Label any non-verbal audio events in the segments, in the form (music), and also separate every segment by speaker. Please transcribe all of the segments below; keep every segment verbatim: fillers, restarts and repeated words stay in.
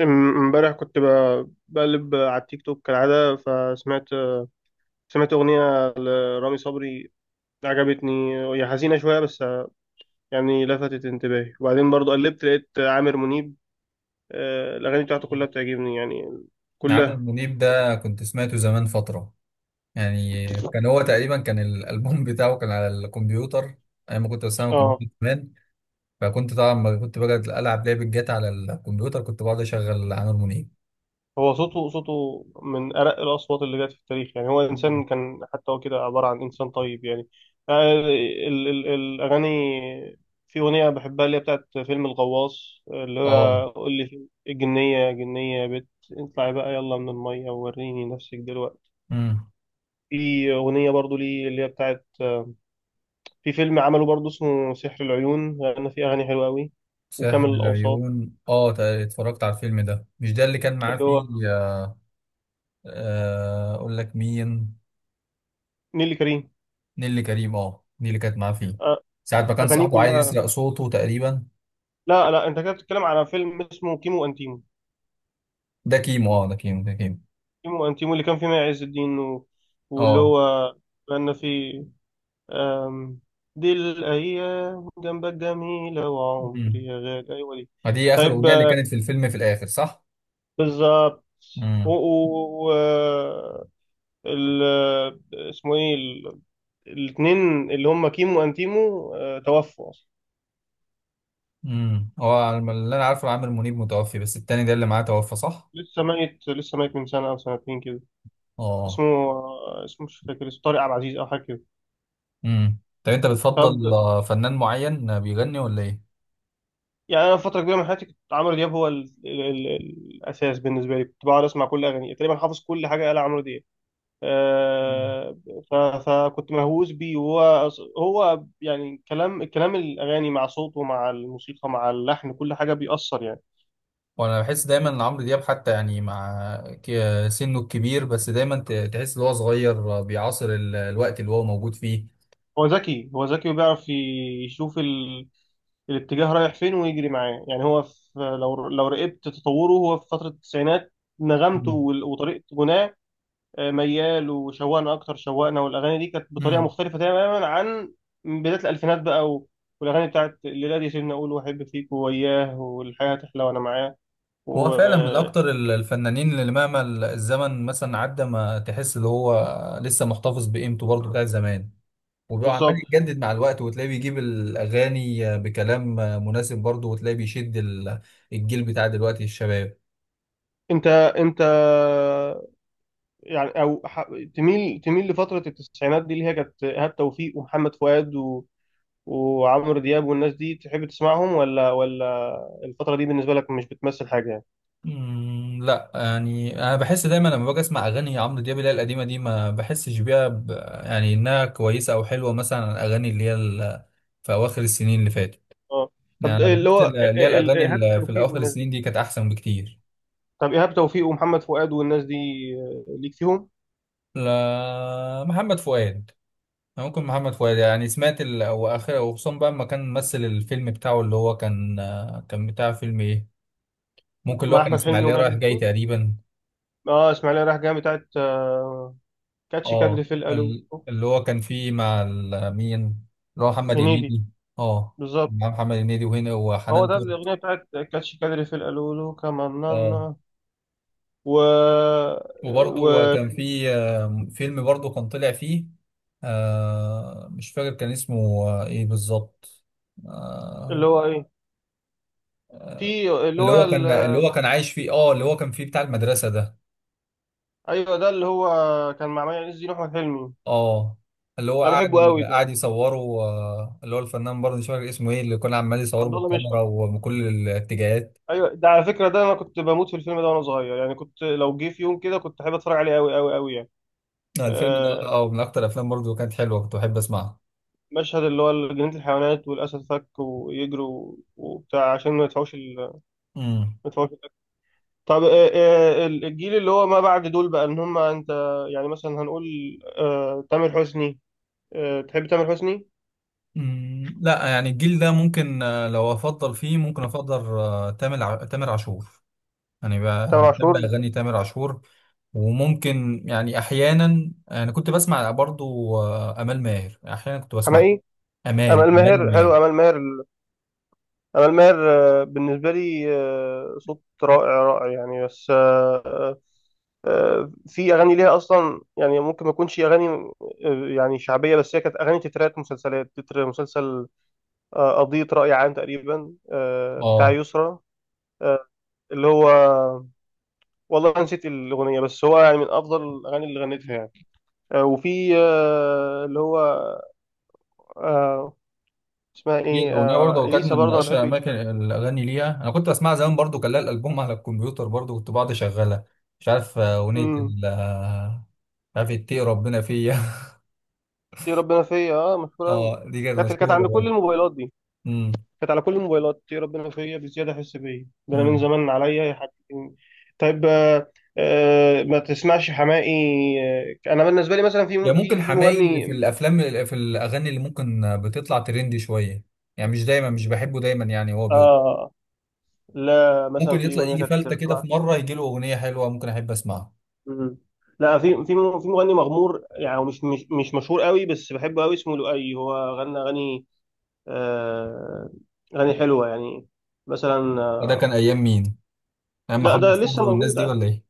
Speaker 1: ام- امبارح كنت ب- بقلب على التيك توك كالعادة، فسمعت سمعت أغنية لرامي صبري. عجبتني، هي حزينة شوية بس يعني لفتت انتباهي. وبعدين برضو قلبت لقيت عامر منيب. آه، الأغاني بتاعته كلها بتعجبني يعني،
Speaker 2: عامر
Speaker 1: كلها.
Speaker 2: منيب ده كنت سمعته زمان فترة. يعني كان هو تقريبا كان الألبوم (laughs) بتاعه كان على الكمبيوتر، أيام ما كنت بستعمل
Speaker 1: اه،
Speaker 2: كمبيوتر زمان. فكنت طبعا لما كنت بقعد ألعب لعبة جات على الكمبيوتر، كنت بقعد أشغل عامر منيب.
Speaker 1: هو صوته صوته من أرق الأصوات اللي جت في التاريخ يعني. هو
Speaker 2: مم.
Speaker 1: إنسان كان، حتى هو كده عبارة عن إنسان طيب يعني. آه، ال ال الأغاني، في أغنية بحبها اللي هي بتاعت فيلم الغواص، اللي
Speaker 2: اه.
Speaker 1: هو قول لي في- الجنية، يا جنية يا بت اطلعي بقى يلا من المية ووريني نفسك دلوقتي.
Speaker 2: امم.
Speaker 1: في أغنية برضو ليه اللي هي بتاعت، في فيلم عمله برضو اسمه سحر العيون، لأن في أغاني حلوة أوي.
Speaker 2: ساحر
Speaker 1: وكامل الأوصاف،
Speaker 2: العيون، اه، تق- اتفرجت على الفيلم ده، مش ده اللي كان معاه
Speaker 1: اللي هو
Speaker 2: فيه؟ آه، آه، أقول لك مين؟
Speaker 1: نيلي كريم.
Speaker 2: نيللي كريم، اه، دي اللي كانت معاه فيه،
Speaker 1: آه،
Speaker 2: ساعة ما كان
Speaker 1: أغانيه
Speaker 2: صاحبه عايز
Speaker 1: كلها.
Speaker 2: يسرق صوته تقريبا.
Speaker 1: لا لا، انت كده بتتكلم على فيلم اسمه كيمو وانتيمو.
Speaker 2: ده كيمو، اه، ده كيمو، ده كيمو.
Speaker 1: كيمو وانتيمو اللي كان فيه مي عز الدين و... واللي
Speaker 2: اه.
Speaker 1: هو كان فيه أم... دي الايام جنبك جميله وعمري
Speaker 2: امم.
Speaker 1: يا غالي، ايوه دي.
Speaker 2: فدي اخر
Speaker 1: طيب،
Speaker 2: اغنيه اللي
Speaker 1: آه،
Speaker 2: كانت في الفيلم في الاخر، صح؟
Speaker 1: بالظبط. و... و...
Speaker 2: امم.
Speaker 1: و... آه، ال... آه، اسمه ايه ال... الاثنين اللي هم كيمو وانتيمو، آه، توفوا اصلا.
Speaker 2: امم. هو على ما- اللي انا عارفه عامر منيب متوفي، بس التاني ده اللي معاه توفى، صح؟
Speaker 1: لسه ميت، لسه ميت من سنه او سنتين كده.
Speaker 2: اه.
Speaker 1: اسمه، آه، اسمه مش فاكر، اسمه طارق عبد العزيز او حاجه كده.
Speaker 2: امم. طب انت
Speaker 1: طب،
Speaker 2: بتفضل آه، فنان معين بيغني ولا ايه؟
Speaker 1: يعني انا فتره كبيره من حياتي كنت عمرو دياب هو ال... ال... ال... الاساس بالنسبه لي. كنت بقعد اسمع كل اغانيه تقريبا، حافظ كل حاجه قال عمرو دياب.
Speaker 2: مم.
Speaker 1: آه... ف... فكنت مهووس بيه. وهو، هو يعني كلام كلام الاغاني مع صوته مع الموسيقى مع اللحن، كل حاجه بيأثر يعني.
Speaker 2: وانا بحس دايما ان عمرو دياب، حتى يعني مع ك- سنه الكبير، بس دايما ت- تحس ان هو صغير. آه، بيعاصر ال- الوقت اللي هو موجود فيه.
Speaker 1: هو ذكي، هو ذكي وبيعرف يشوف ال... الاتجاه رايح فين ويجري معاه يعني. هو في... لو لو راقبت تطوره، هو في فتره التسعينات نغمته
Speaker 2: مم.
Speaker 1: وال- وطريقه غناه ميال وشوقنا اكتر، شوقنا والاغاني دي كانت بطريقه
Speaker 2: امم.
Speaker 1: مختلفه تماما عن بدايه الالفينات بقى. و- والاغاني بتاعت الليله دي، سيبني اقول، واحب فيك، وياه، والحياه تحلى، وانا معاه،
Speaker 2: هو فعلا من اكتر
Speaker 1: وبالظبط.
Speaker 2: ال- الفنانين اللي مهما ال- الزمن مثلا عدى، ما تحس ان هو لسه محتفظ بقيمته برضه بتاعت زمان، وعمال يتجدد مع الوقت، وتلاقيه بيجيب الأغاني بكلام مناسب برضه، وتلاقيه بيشد ال- الجيل بتاع دلوقتي، الشباب.
Speaker 1: انت انت يعني، او ح- تميل تميل لفتره التسعينات دي اللي هي كانت ايهاب توفيق ومحمد فؤاد و... وعمرو دياب والناس دي، تحب تسمعهم ولا ولا الفتره دي بالنسبه لك مش بتمثل حاجه يعني؟
Speaker 2: مم، لا يعني أنا بحس دايما لما باجي أسمع أغاني عمرو دياب اللي هي القديمة دي، ما بحسش بيها ب... يعني إنها كويسة أو حلوة، مثلا عن الأغاني اللي هي ال... في أواخر السنين اللي فاتت.
Speaker 1: اه
Speaker 2: يعني
Speaker 1: طب
Speaker 2: أنا
Speaker 1: اللي
Speaker 2: بحس
Speaker 1: هو
Speaker 2: ال-
Speaker 1: ال-
Speaker 2: اللي هي
Speaker 1: ال-
Speaker 2: الأغاني
Speaker 1: ايهاب
Speaker 2: اللي في
Speaker 1: توفيق
Speaker 2: أواخر
Speaker 1: والناس
Speaker 2: السنين
Speaker 1: دي،
Speaker 2: دي كانت أحسن بكتير.
Speaker 1: طب ايهاب توفيق ومحمد فؤاد والناس دي، آه، ليك فيهم؟
Speaker 2: لا، محمد فؤاد. ممكن محمد فؤاد، يعني سمعت ال... هو اخر، وخصوصا بقى لما كان ممثل الفيلم بتاعه، اللي هو كان، آه، كان بتاع فيلم ايه، ممكن اللي
Speaker 1: مع
Speaker 2: هو كان
Speaker 1: احمد حلمي
Speaker 2: اسماعيلية
Speaker 1: وماجد
Speaker 2: رايح جاي
Speaker 1: الدين.
Speaker 2: تقريبا.
Speaker 1: اه اسماعيليه رايح جايه بتاعت آه، كاتش
Speaker 2: اه،
Speaker 1: كادري في الالو.
Speaker 2: ال... اللي هو كان فيه مع ال... مين، اللي هو محمد
Speaker 1: هنيدي.
Speaker 2: هنيدي؟ اه،
Speaker 1: بالظبط.
Speaker 2: مع محمد هنيدي وهنا
Speaker 1: هو
Speaker 2: وحنان
Speaker 1: ده،
Speaker 2: ترك.
Speaker 1: الاغنيه بتاعت كاتش كادري في الالولو كمان
Speaker 2: اه،
Speaker 1: نانا. و...
Speaker 2: وبرضه
Speaker 1: و
Speaker 2: كان فيه، آه، فيلم برضه كان طلع فيه. آه مش فاكر كان اسمه آه، ايه بالظبط.
Speaker 1: اللي
Speaker 2: آه
Speaker 1: هو ايه، في اللي
Speaker 2: اللي
Speaker 1: هو
Speaker 2: هو
Speaker 1: ال...
Speaker 2: كان اللي هو كان عايش فيه، اه، اللي هو كان فيه بتاع المدرسة ده،
Speaker 1: ايوه، ده اللي هو كان مع مي عز الدين واحمد حلمي.
Speaker 2: اه، اللي هو
Speaker 1: ده
Speaker 2: قاعد
Speaker 1: بحبه قوي ده.
Speaker 2: قاعد يصوره. آه، اللي هو الفنان برضه مش فاكر اسمه ايه، اللي كان عمال يصوره
Speaker 1: عبد الله
Speaker 2: بالكاميرا
Speaker 1: مشرف.
Speaker 2: ومن كل الاتجاهات.
Speaker 1: ايوه ده، على فكره ده انا كنت بموت في الفيلم ده وانا صغير يعني. كنت لو جه في يوم كده كنت احب اتفرج عليه قوي قوي قوي يعني.
Speaker 2: آه، الفيلم ده،
Speaker 1: آه،
Speaker 2: اه، من اكتر الافلام برضه كانت حلوه، كنت بحب اسمعها.
Speaker 1: مشهد اللي هو جنينة الحيوانات والأسد فك ويجروا وبتاع عشان ما يدفعوش ال... ما
Speaker 2: امم.
Speaker 1: يدفعوش الأكل. طب، آه، آه، ال- الجيل اللي هو ما بعد دول بقى، إن هم أنت يعني مثلا هنقول آه، تامر حسني. آه، تحب تامر حسني؟
Speaker 2: أمم، لا يعني الجيل ده ممكن، آه، لو افضل فيه ممكن افضل، آه، تامر ع- تامر عاشور. يعني ب-
Speaker 1: تامر
Speaker 2: بحب
Speaker 1: عاشور.
Speaker 2: اغاني تامر عاشور. وممكن يعني احيانا، يعني كنت بسمع برضو آه، امال ماهر، احيانا كنت بسمع
Speaker 1: حماقي.
Speaker 2: امال
Speaker 1: أمال
Speaker 2: امال
Speaker 1: ماهر
Speaker 2: ماهر.
Speaker 1: حلو، أمال ماهر ال- أمال ماهر، آه، بالنسبة لي آه، صوت رائع رائع يعني. بس آه، آه، آه، في اغاني ليها اصلا يعني، ممكن ما تكونش اغاني آه، يعني شعبيه، بس هي كانت اغاني تترات مسلسلات. تتر مسلسل آه، قضية رأي عام تقريبا، آه، بتاع
Speaker 2: اه،
Speaker 1: يسرا. آه، اللي هو، والله نسيت الأغنية، بس هو يعني من أفضل الأغاني اللي غنتها يعني. آه، وفي آه، اللي هو آه، اسمها
Speaker 2: دي
Speaker 1: إيه
Speaker 2: الأغنية
Speaker 1: آه،
Speaker 2: برضه هو كانت
Speaker 1: إليسا،
Speaker 2: من
Speaker 1: برضه أنا
Speaker 2: أشهر
Speaker 1: بحب
Speaker 2: أماكن
Speaker 1: إليسا.
Speaker 2: الأغاني ليها، أنا كنت بسمعها زمان برضه، كان لها الألبوم على الكمبيوتر برضه، كنت بقعد أشغلها. مش عارف آه، أغنية
Speaker 1: مم.
Speaker 2: ال آه، مش عارف إيه، ربنا فيا (laughs)
Speaker 1: يا ربنا فيا، أه مشهورة أوي.
Speaker 2: أه، دي كانت
Speaker 1: كانت كانت
Speaker 2: مشهورة
Speaker 1: عند كل
Speaker 2: برضه.
Speaker 1: الموبايلات دي،
Speaker 2: أمم.
Speaker 1: كانت على كل الموبايلات. يا ربنا فيا بزيادة، أحس بيا، ده أنا من
Speaker 2: أمم.
Speaker 1: زمان، عليا يا حبيبي. طيب، آه، آه، ما تسمعش حماقي. آه، أنا بالنسبة لي مثلا،
Speaker 2: يا
Speaker 1: في
Speaker 2: ممكن
Speaker 1: في في
Speaker 2: حماقي في
Speaker 1: مغني
Speaker 2: الأفلام، في الأغاني اللي ممكن آه، بتطلع ترندي شوية، يعني مش دايما، مش بحبه دايما، يعني هو بيض.
Speaker 1: آه، لا مثلا
Speaker 2: ممكن
Speaker 1: في
Speaker 2: يطلع
Speaker 1: اغنيه
Speaker 2: يجي
Speaker 1: كانت
Speaker 2: فلتة كده، في
Speaker 1: طلعت.
Speaker 2: مرة يجي له أغنية حلوة ممكن أحب أسمعها.
Speaker 1: مم. لا، في في م- في مغني مغمور يعني، هو مش مش مش مشهور قوي، بس بحبه قوي اسمه لؤي. هو غنى اغاني، آه اغاني حلوه يعني. مثلا
Speaker 2: وده
Speaker 1: آه،
Speaker 2: كان أيام مين؟ أيام
Speaker 1: لا ده
Speaker 2: محمد فضل
Speaker 1: لسه
Speaker 2: والناس
Speaker 1: موجود
Speaker 2: دي
Speaker 1: ع-
Speaker 2: ولا إيه؟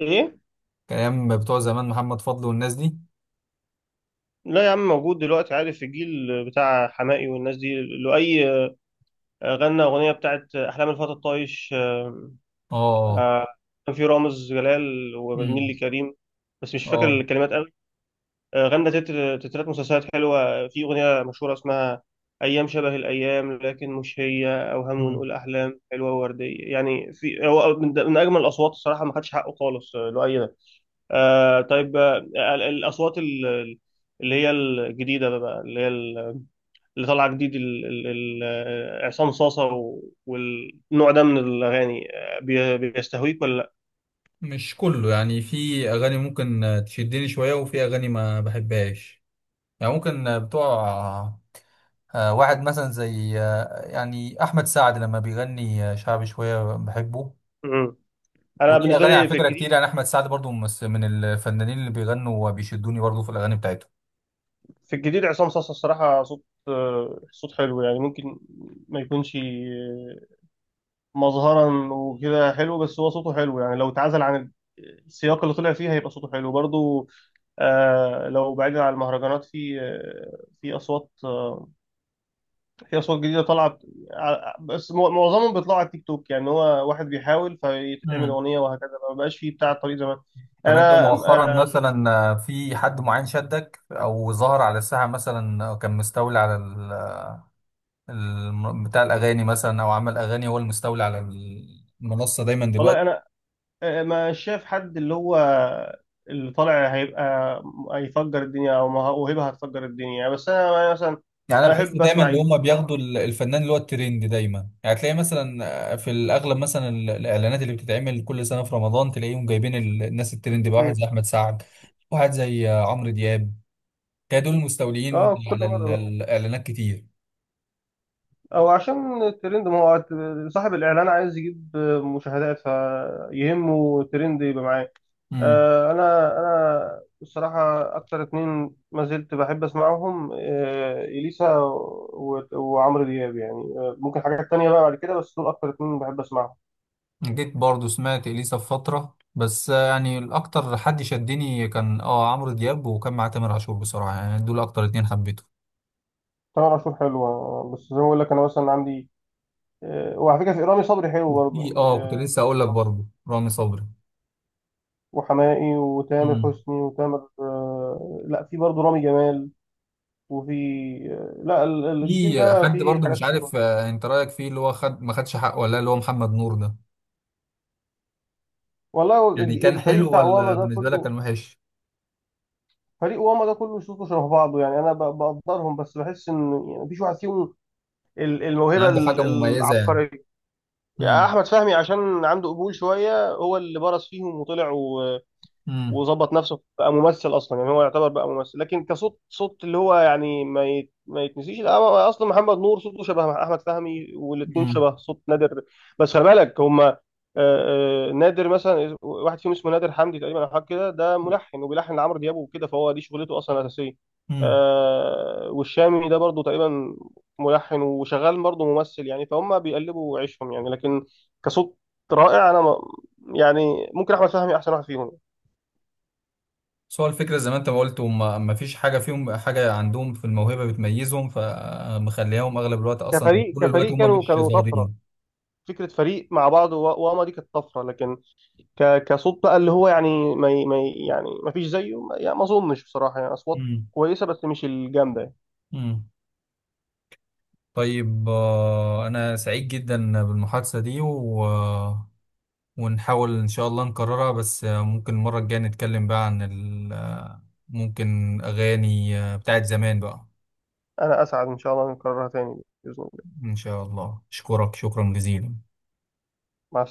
Speaker 1: ايه.
Speaker 2: كان أيام بتوع زمان محمد فضل والناس دي؟
Speaker 1: لا يا عم موجود دلوقتي، عارف، في الجيل بتاع حماقي والناس دي. لؤي آه، غنى اغنيه بتاعت احلام الفتى الطايش،
Speaker 2: اه. آه.
Speaker 1: آه، كان في رامز جلال ونيلي
Speaker 2: امم.
Speaker 1: كريم، بس مش فاكر
Speaker 2: اه.
Speaker 1: الكلمات. آه، غنى تتر تترات مسلسلات حلوة. في أغنية مشهورة اسمها، أيام شبه الأيام لكن مش هي، أوهام
Speaker 2: امم.
Speaker 1: ونقول أحلام حلوة ووردية يعني. في، هو من, من أجمل الأصوات، الصراحة ما خدش حقه خالص، آه، لؤي. آه طيب آه، ال- الأصوات ال- ال- اللي هي الجديدة بقى اللي هي ال- اللي طالعة جديد، ال- ال- ال- آه، عصام صاصة، و- والنوع ده من الأغاني، آه، بي- بيستهويك ولا لأ؟
Speaker 2: مش كله، يعني في اغاني ممكن آه، تشدني شويه، وفي اغاني ما بحبهاش. يعني ممكن آه، بتوع آه، واحد مثلا زي، آه، يعني احمد سعد لما بيغني آه، شعبي شويه بحبه.
Speaker 1: مم. أنا
Speaker 2: وليه
Speaker 1: بالنسبة
Speaker 2: اغاني
Speaker 1: لي
Speaker 2: على
Speaker 1: في
Speaker 2: فكره
Speaker 1: الجديد،
Speaker 2: كتير، يعني احمد سعد برضو مس- من الفنانين اللي بيغنوا وبيشدوني برضو في الاغاني بتاعتهم.
Speaker 1: في الجديد عصام صاصا الصراحة صوت، آه، صوت حلو يعني. ممكن ما يكونش آه، مظهرا وكده حلو، بس هو صوته حلو يعني، لو اتعزل عن السياق اللي طلع فيه هيبقى صوته حلو برضو. آه، لو بعيد عن المهرجانات في آه، في أصوات آه، في أصوات جديدة طلعت، ع- بس مو- معظمهم بيطلعوا على التيك توك يعني، هو واحد بيحاول فيتعمل
Speaker 2: امم.
Speaker 1: أغنية وهكذا، ما بقاش فيه بتاع الطريق زمان.
Speaker 2: طب انت
Speaker 1: أنا
Speaker 2: مؤخرا
Speaker 1: آه،
Speaker 2: مثلا آه، في حد معين شدك او ظهر على الساحه مثلا، أو كان مستولي على الم- بتاع الاغاني مثلا، او عمل اغاني هو المستولي على المنصه دايما دلوقتي؟
Speaker 1: والله أنا آه، ما شاف حد اللي هو اللي طالع هيبقى، هيفجر الدنيا او مه- موهبه هتفجر الدنيا يعني. بس انا أنا مثلا
Speaker 2: يعني انا
Speaker 1: انا
Speaker 2: بحس
Speaker 1: احب
Speaker 2: دايما
Speaker 1: اسمع
Speaker 2: ان
Speaker 1: إليسا
Speaker 2: هم
Speaker 1: بصراحه.
Speaker 2: بياخدوا ال- الفنان اللي هو الترند دايما، يعني تلاقي مثلا في الاغلب مثلا ال- الاعلانات اللي بتتعمل كل سنه في رمضان، تلاقيهم جايبين ال- الناس الترند بقى، واحد
Speaker 1: مم.
Speaker 2: زي احمد سعد، واحد زي عمرو دياب، تلاقي دول المستولين
Speaker 1: اه كل
Speaker 2: على ال-
Speaker 1: مره،
Speaker 2: الاعلانات كتير.
Speaker 1: او عشان الترند، ما هو صاحب الاعلان عايز يجيب مشاهدات، فيهمه الترند يبقى معاه.
Speaker 2: امم.
Speaker 1: آه، انا انا الصراحه اكتر اتنين ما زلت بحب اسمعهم، آه، اليسا و- وعمرو دياب يعني. آه، ممكن حاجات تانية بقى بعد كده، بس دول اكتر اتنين بحب اسمعهم.
Speaker 2: جيت برضو سمعت اليسا في فتره، بس آه، يعني الاكتر حد شدني كان اه عمرو دياب، وكان مع تامر عاشور بصراحه، يعني دول اكتر اتنين حبيتهم،
Speaker 1: تامر عاشور حلوة، بس زي ما بقول لك أنا مثلا عندي آه، وعلى فكرة في رامي صبري حلو
Speaker 2: في
Speaker 1: برضه
Speaker 2: اه
Speaker 1: يعني،
Speaker 2: كنت
Speaker 1: آه،
Speaker 2: لسه اقول لك برضه رامي صبري.
Speaker 1: وحماقي وتامر
Speaker 2: امم.
Speaker 1: حسني وتامر آه، لا في برضه رامي جمال، وفي آه، لا ال- ال- الجيل
Speaker 2: في
Speaker 1: ده
Speaker 2: حد
Speaker 1: فيه
Speaker 2: برضه،
Speaker 1: حاجات
Speaker 2: مش
Speaker 1: حلوة.
Speaker 2: عارف آه، انت رايك فيه، اللي هو خد ما خدش حقه ولا لا، اللي هو محمد نور ده.
Speaker 1: والله هو
Speaker 2: يعني
Speaker 1: الج-
Speaker 2: كان
Speaker 1: الفريق
Speaker 2: حلو
Speaker 1: بتاع
Speaker 2: ولا
Speaker 1: واما ده
Speaker 2: بالنسبه لك
Speaker 1: كله،
Speaker 2: كان وحش؟
Speaker 1: فريق واما ده كله صوته شبه بعضه يعني. أنا ب- بقدرهم، بس بحس إن يعني مفيش واحد فيهم ال-
Speaker 2: يعني
Speaker 1: الموهبة
Speaker 2: عنده
Speaker 1: ال-
Speaker 2: حاجه مميزه يعني؟
Speaker 1: العبقرية. يعني
Speaker 2: امم.
Speaker 1: أحمد فهمي عشان عنده قبول شوية هو اللي برز فيهم وطلع
Speaker 2: امم.
Speaker 1: وظبط نفسه بقى ممثل اصلا يعني، هو يعتبر بقى ممثل، لكن كصوت صوت اللي هو يعني ما يت- ما يتنسيش. لا هو اصلا محمد نور صوته شبه احمد فهمي، والاثنين
Speaker 2: امم.
Speaker 1: شبه صوت نادر. بس خلي بالك هما، آه، آه، نادر مثلا واحد فيهم اسمه نادر حمدي تقريبا او حاجه كده، ده ملحن وبيلحن لعمرو دياب وكده، فهو دي شغلته اصلا الاساسيه.
Speaker 2: امم.
Speaker 1: آه، والشامي ده برضه تقريبا ملحن وشغال برضه ممثل يعني، فهم بيقلبوا عيشهم يعني. لكن كصوت رائع، انا ما- يعني ممكن احمد فهمي احسن واحد فيهم.
Speaker 2: بس هو الفكره، زي ما انت ما قلت، وما ما فيش حاجه فيهم، حاجه عندهم في الموهبه بتميزهم، فمخليهم اغلب الوقت اصلا او
Speaker 1: كفريق
Speaker 2: طول الوقت
Speaker 1: كفريق
Speaker 2: هم
Speaker 1: كانوا
Speaker 2: مش
Speaker 1: كانوا طفره،
Speaker 2: ظاهرين.
Speaker 1: فكره فريق مع بعض، و- واما دي كانت طفره، لكن ك- كصوت بقى اللي هو يعني ما ي- ما ي- يعني ما فيش زيه، ما يعني ما اظنش بصراحه يعني. اصوات
Speaker 2: امم.
Speaker 1: كويسه بس مش الجامده يعني.
Speaker 2: امم. طيب، آه، انا سعيد جدا بالمحادثه دي، و ونحاول إن شاء الله نكررها، بس آه، ممكن المرة الجاية نتكلم بقى عن ال آه، ممكن أغاني آه، بتاعت زمان بقى.
Speaker 1: انا اسعد ان شاء الله نكررها تاني باذن الله.
Speaker 2: إن شاء الله، أشكرك شكرا جزيلا.
Speaker 1: مع